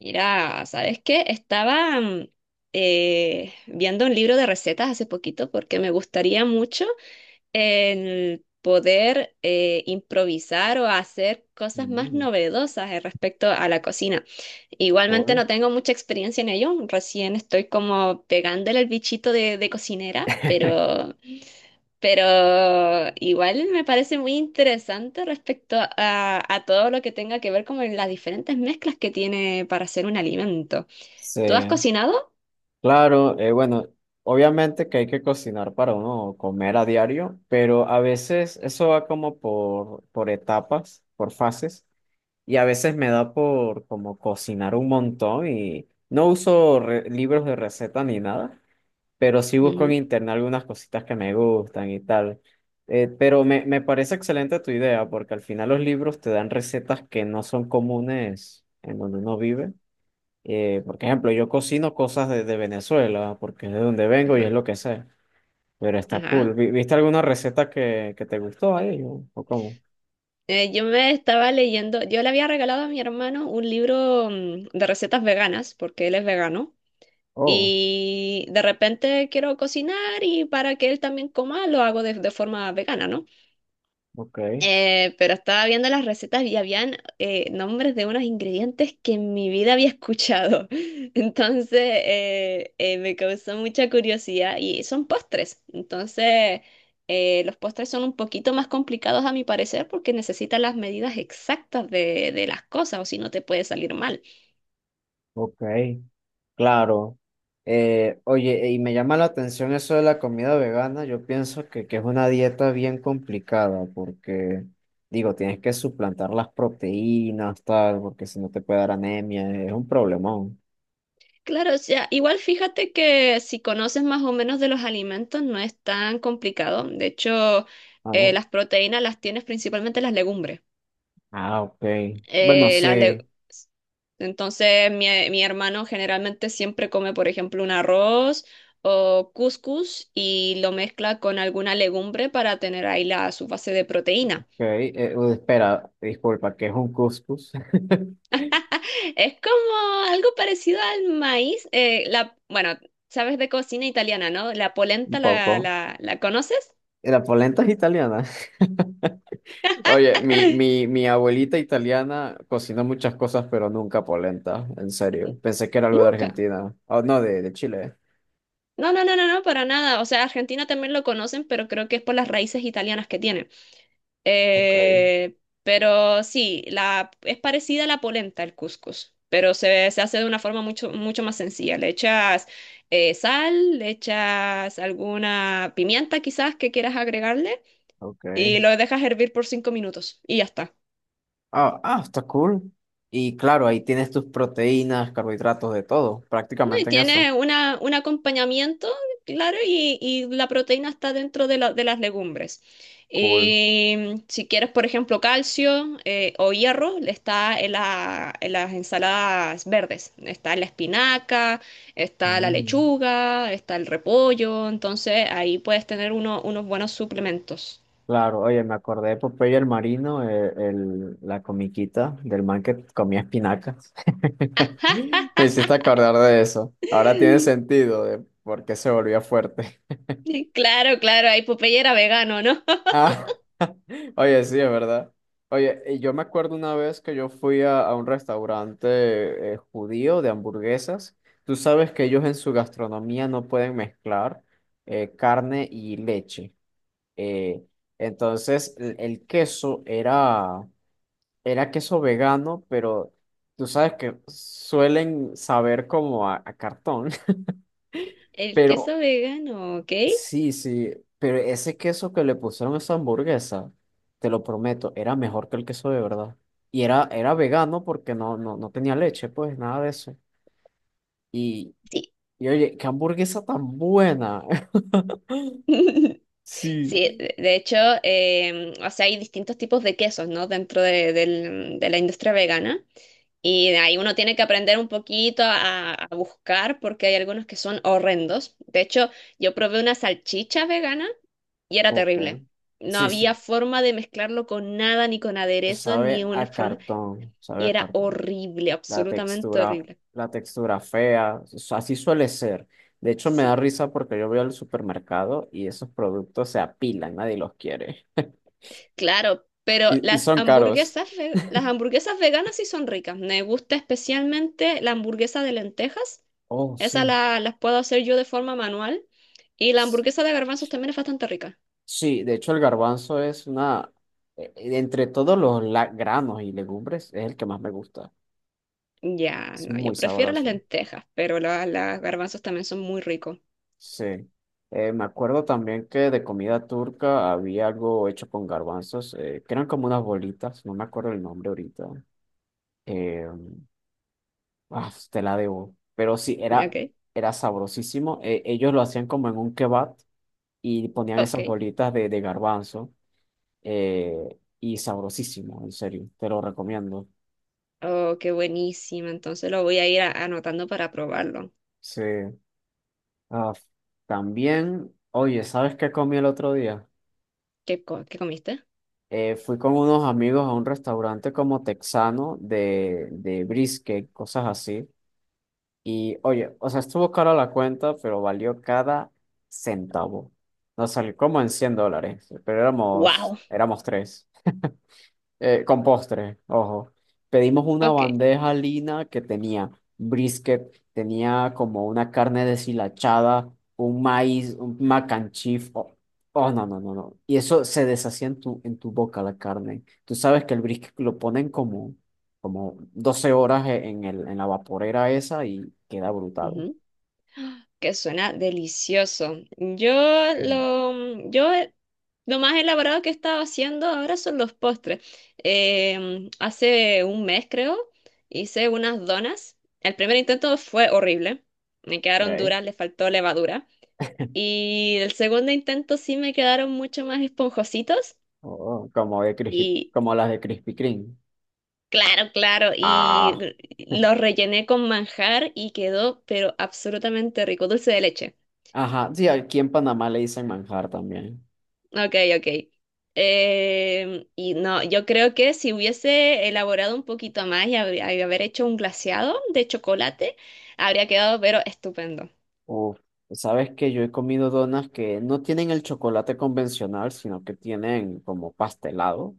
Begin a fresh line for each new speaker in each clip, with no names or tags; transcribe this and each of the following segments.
Mira, ¿sabes qué? Estaba viendo un libro de recetas hace poquito porque me gustaría mucho el poder improvisar o hacer cosas más
Mm,
novedosas respecto a la cocina. Igualmente
hoy.
no tengo mucha experiencia en ello, recién estoy como pegándole el bichito de cocinera, pero igual me parece muy interesante respecto a todo lo que tenga que ver como las diferentes mezclas que tiene para hacer un alimento.
Sí,
¿Tú has cocinado?
claro, bueno, obviamente que hay que cocinar para uno comer a diario, pero a veces eso va como por etapas, por fases, y a veces me da por como cocinar un montón y no uso libros de receta ni nada, pero sí busco en
Ujú.
internet algunas cositas que me gustan y tal. Pero me parece excelente tu idea, porque al final los libros te dan recetas que no son comunes en donde uno vive. Por ejemplo, yo cocino cosas de Venezuela, porque es de donde vengo y es
Ajá,
lo que sé, pero está
ajá.
cool. ¿Viste alguna receta que te gustó ahí? ¿O cómo?
Yo me estaba leyendo, yo le había regalado a mi hermano un libro de recetas veganas, porque él es vegano,
Oh,
y de repente quiero cocinar y para que él también coma, lo hago de forma vegana, ¿no?
ok,
Pero estaba viendo las recetas y habían nombres de unos ingredientes que en mi vida había escuchado. Entonces me causó mucha curiosidad y son postres. Entonces los postres son un poquito más complicados a mi parecer porque necesitan las medidas exactas de las cosas o si no te puede salir mal.
ok, claro. Oye, y me llama la atención eso de la comida vegana. Yo pienso que es una dieta bien complicada, porque, digo, tienes que suplantar las proteínas, tal, porque si no te puede dar anemia, es un problemón.
Claro, o sea, igual fíjate que si conoces más o menos de los alimentos no es tan complicado. De hecho,
Ah, no.
las proteínas las tienes principalmente en las legumbres.
Ah, ok. Bueno,
eh, las
sí.
le- Entonces, mi hermano generalmente siempre come, por ejemplo, un arroz o couscous y lo mezcla con alguna legumbre para tener ahí la, su base de proteína.
Ok, espera, disculpa, ¿que es un couscous?
Es como algo parecido al maíz. Bueno, sabes de cocina italiana, ¿no? La
Un
polenta,
poco.
la conoces?
La polenta es italiana. Oye, mi abuelita italiana cocinó muchas cosas, pero nunca polenta, en serio. Pensé que era algo de
Nunca.
Argentina. Oh, no, de Chile.
No, no, no, no, no, para nada. O sea, Argentina también lo conocen, pero creo que es por las raíces italianas que tiene.
Ok,
Eh, pero sí, es parecida a la polenta, el cuscús, pero se hace de una forma mucho, mucho más sencilla. Le echas sal, le echas alguna pimienta quizás que quieras agregarle
ok.
y lo dejas hervir por 5 minutos y ya está.
Está cool. Y claro, ahí tienes tus proteínas, carbohidratos, de todo,
No, y
prácticamente en eso.
tiene una, un acompañamiento, claro, y la proteína está dentro de las legumbres.
Cool.
Y si quieres, por ejemplo, calcio o hierro, está en las ensaladas verdes. Está la espinaca, está la
Mm.
lechuga, está el repollo. Entonces, ahí puedes tener unos buenos suplementos.
Claro, oye, me acordé de Popeye el Marino, la comiquita del man que comía espinacas. Me hiciste acordar de eso. Ahora tiene sentido de por qué se volvía fuerte.
Claro, claro, ahí Popeye era vegano, ¿no?
Ah, oye, sí, es verdad. Oye, y yo me acuerdo una vez que yo fui a un restaurante judío de hamburguesas. Tú sabes que ellos en su gastronomía no pueden mezclar carne y leche. Eh, entonces, el queso era. Era queso vegano, pero tú sabes que suelen saber como a cartón.
El queso
Pero
vegano, ¿ok?
sí, pero ese queso que le pusieron a esa hamburguesa, te lo prometo, era mejor que el queso de verdad. Era, era vegano porque no tenía leche, pues nada de eso. Y,
Sí.
y oye, qué hamburguesa tan buena. Sí.
Sí, de hecho, o sea, hay distintos tipos de quesos, ¿no? Dentro de la industria vegana. Y de ahí uno tiene que aprender un poquito a buscar porque hay algunos que son horrendos. De hecho, yo probé una salchicha vegana y era
Ok.
terrible. No
Sí, sí.
había forma de mezclarlo con nada, ni con
se
aderezos, ni
Sabe
una
a
forma.
cartón, sabe
Y
a
era
cartón.
horrible,
La
absolutamente
textura,
horrible.
la textura fea, así suele ser. De hecho, me
Sí.
da risa porque yo voy al supermercado y esos productos se apilan, nadie los quiere.
Claro, pero
Y
las
son caros.
hamburguesas, las hamburguesas veganas sí son ricas. Me gusta especialmente la hamburguesa de lentejas.
Oh,
Esa
sí.
las puedo hacer yo de forma manual. Y la
S-
hamburguesa de garbanzos también es bastante rica.
Sí, de hecho el garbanzo es una, entre todos los granos y legumbres, es el que más me gusta.
Ya,
Es
no,
muy
yo prefiero las
sabroso.
lentejas, pero las garbanzos también son muy ricos.
Sí. Me acuerdo también que de comida turca había algo hecho con garbanzos, que eran como unas bolitas, no me acuerdo el nombre ahorita. Eh, Ah, pues, te la debo. Pero sí, era,
Ok,
era sabrosísimo. Ellos lo hacían como en un kebab y ponían
ok.
esas bolitas de garbanzo. Eh, y sabrosísimo, en serio. Te lo recomiendo.
Oh, qué buenísima. Entonces lo voy a ir anotando para probarlo.
Sí. Ah, también, oye, ¿sabes qué comí el otro día?
¿Qué, qué comiste?
Fui con unos amigos a un restaurante como texano de brisket, cosas así. Y oye, o sea, estuvo cara la cuenta, pero valió cada centavo. Nos salió como en $100, pero
¡Wow!
éramos tres. Con postre, ojo. Pedimos una
Ok.
bandeja lina que tenía brisket, tenía como una carne deshilachada, un maíz, un mac and cheese. Oh, oh, no, no, no, no. Y eso se deshacía en tu boca la carne. Tú sabes que el brisket lo ponen como 12 horas en en la vaporera esa y queda brutal.
Ujú, que suena delicioso.
Bien.
Yo Lo más elaborado que he estado haciendo ahora son los postres. Hace 1 mes, creo, hice unas donas. El primer intento fue horrible. Me quedaron
Okay.
duras, le faltó levadura. Y el segundo intento sí me quedaron mucho más esponjositos.
Oh, como de
Y
como las de Krispy Kreme.
claro, claro. Y
Ah.
los rellené con manjar y quedó, pero absolutamente rico, dulce de leche.
Ajá, sí, aquí en Panamá le dicen manjar también.
Ok, ok. Y no, yo creo que si hubiese elaborado un poquito más y haber hecho un glaseado de chocolate, habría quedado pero estupendo.
Uf, sabes que yo he comido donas que no tienen el chocolate convencional, sino que tienen como pastelado,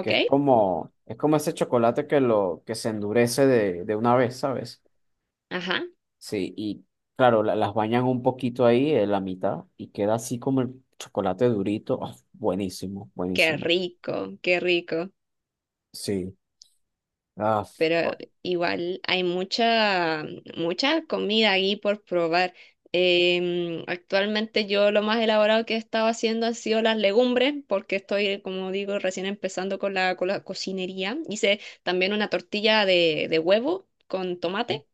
que es como ese chocolate que que se endurece de una vez, ¿sabes?
Ajá.
Sí, y claro, las bañan un poquito ahí en la mitad y queda así como el chocolate durito. Ah, buenísimo,
Qué
buenísimo.
rico, qué rico.
Sí.
Pero
Oh,
igual hay mucha, mucha comida ahí por probar. Actualmente yo lo más elaborado que he estado haciendo han sido las legumbres, porque estoy, como digo, recién empezando con la cocinería. Hice también una tortilla de huevo con tomate.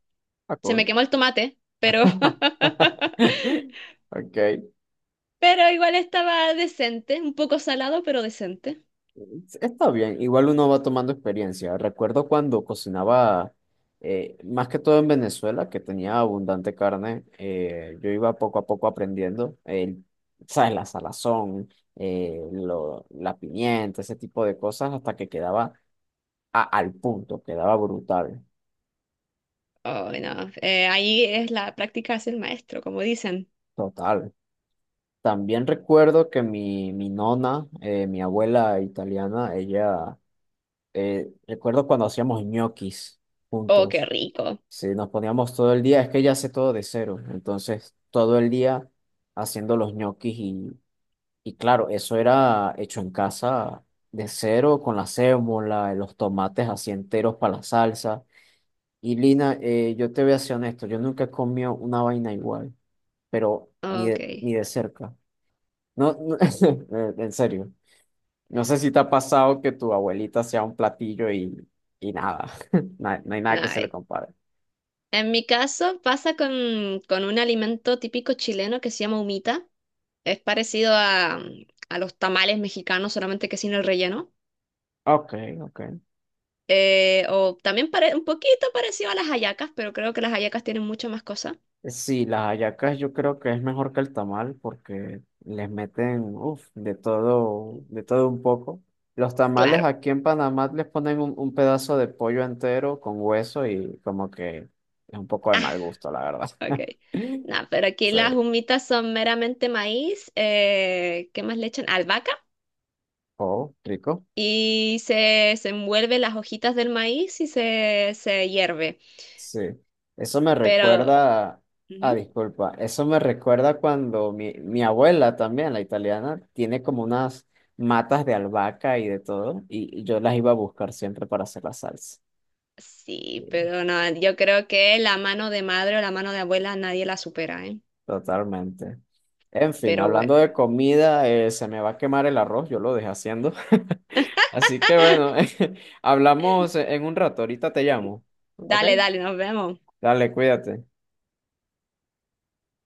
ah,
Se me
cool.
quemó el tomate, pero,
Ok.
pero igual estaba decente, un poco salado, pero decente.
Sí, está bien, igual uno va tomando experiencia. Recuerdo cuando cocinaba, más que todo en Venezuela, que tenía abundante carne, yo iba poco a poco aprendiendo, el, ¿sabes? La salazón, la pimienta, ese tipo de cosas, hasta que quedaba al punto, quedaba brutal,
Oh, no. Ahí es la práctica, es el maestro, como dicen.
total. También recuerdo que mi nona, mi abuela italiana, ella, recuerdo cuando hacíamos ñoquis
Oh, qué
juntos.
rico.
Sí, nos poníamos todo el día, es que ella hace todo de cero, entonces todo el día haciendo los ñoquis y claro, eso era hecho en casa de cero con la sémola, los tomates así enteros para la salsa. Y Lina, yo te voy a ser honesto, yo nunca he comido una vaina igual, pero ni
Ok,
de, ni de cerca. No, no, en serio, no sé si te ha pasado que tu abuelita sea un platillo y nada, no hay no hay nada que se le
nice.
compare.
En mi caso pasa con un alimento típico chileno que se llama humita. Es parecido a los tamales mexicanos, solamente que sin el relleno.
Ok, ok.
O también un poquito parecido a las hallacas, pero creo que las hallacas tienen mucho más cosas.
Sí, las hallacas yo creo que es mejor que el tamal porque les meten, uf, de todo un poco. Los tamales
Claro.
aquí en Panamá les ponen un pedazo de pollo entero con hueso y como que es un poco de
Ah,
mal gusto, la verdad.
ok. No, pero aquí
Sí.
las humitas son meramente maíz. ¿Qué más le echan? Albahaca.
Oh, rico.
Y se envuelve las hojitas del maíz y se hierve.
Sí, eso me
Pero...
recuerda, ah,
ujú.
disculpa, eso me recuerda cuando mi abuela también, la italiana, tiene como unas matas de albahaca y de todo, y yo las iba a buscar siempre para hacer la salsa.
Sí,
Sí,
pero no, yo creo que la mano de madre o la mano de abuela nadie la supera, ¿eh?
totalmente. En fin,
Pero bueno,
hablando de comida, se me va a quemar el arroz, yo lo dejé haciendo. Así que bueno, hablamos en un rato, ahorita te llamo, ¿ok?
dale, dale, nos vemos.
Dale, cuídate.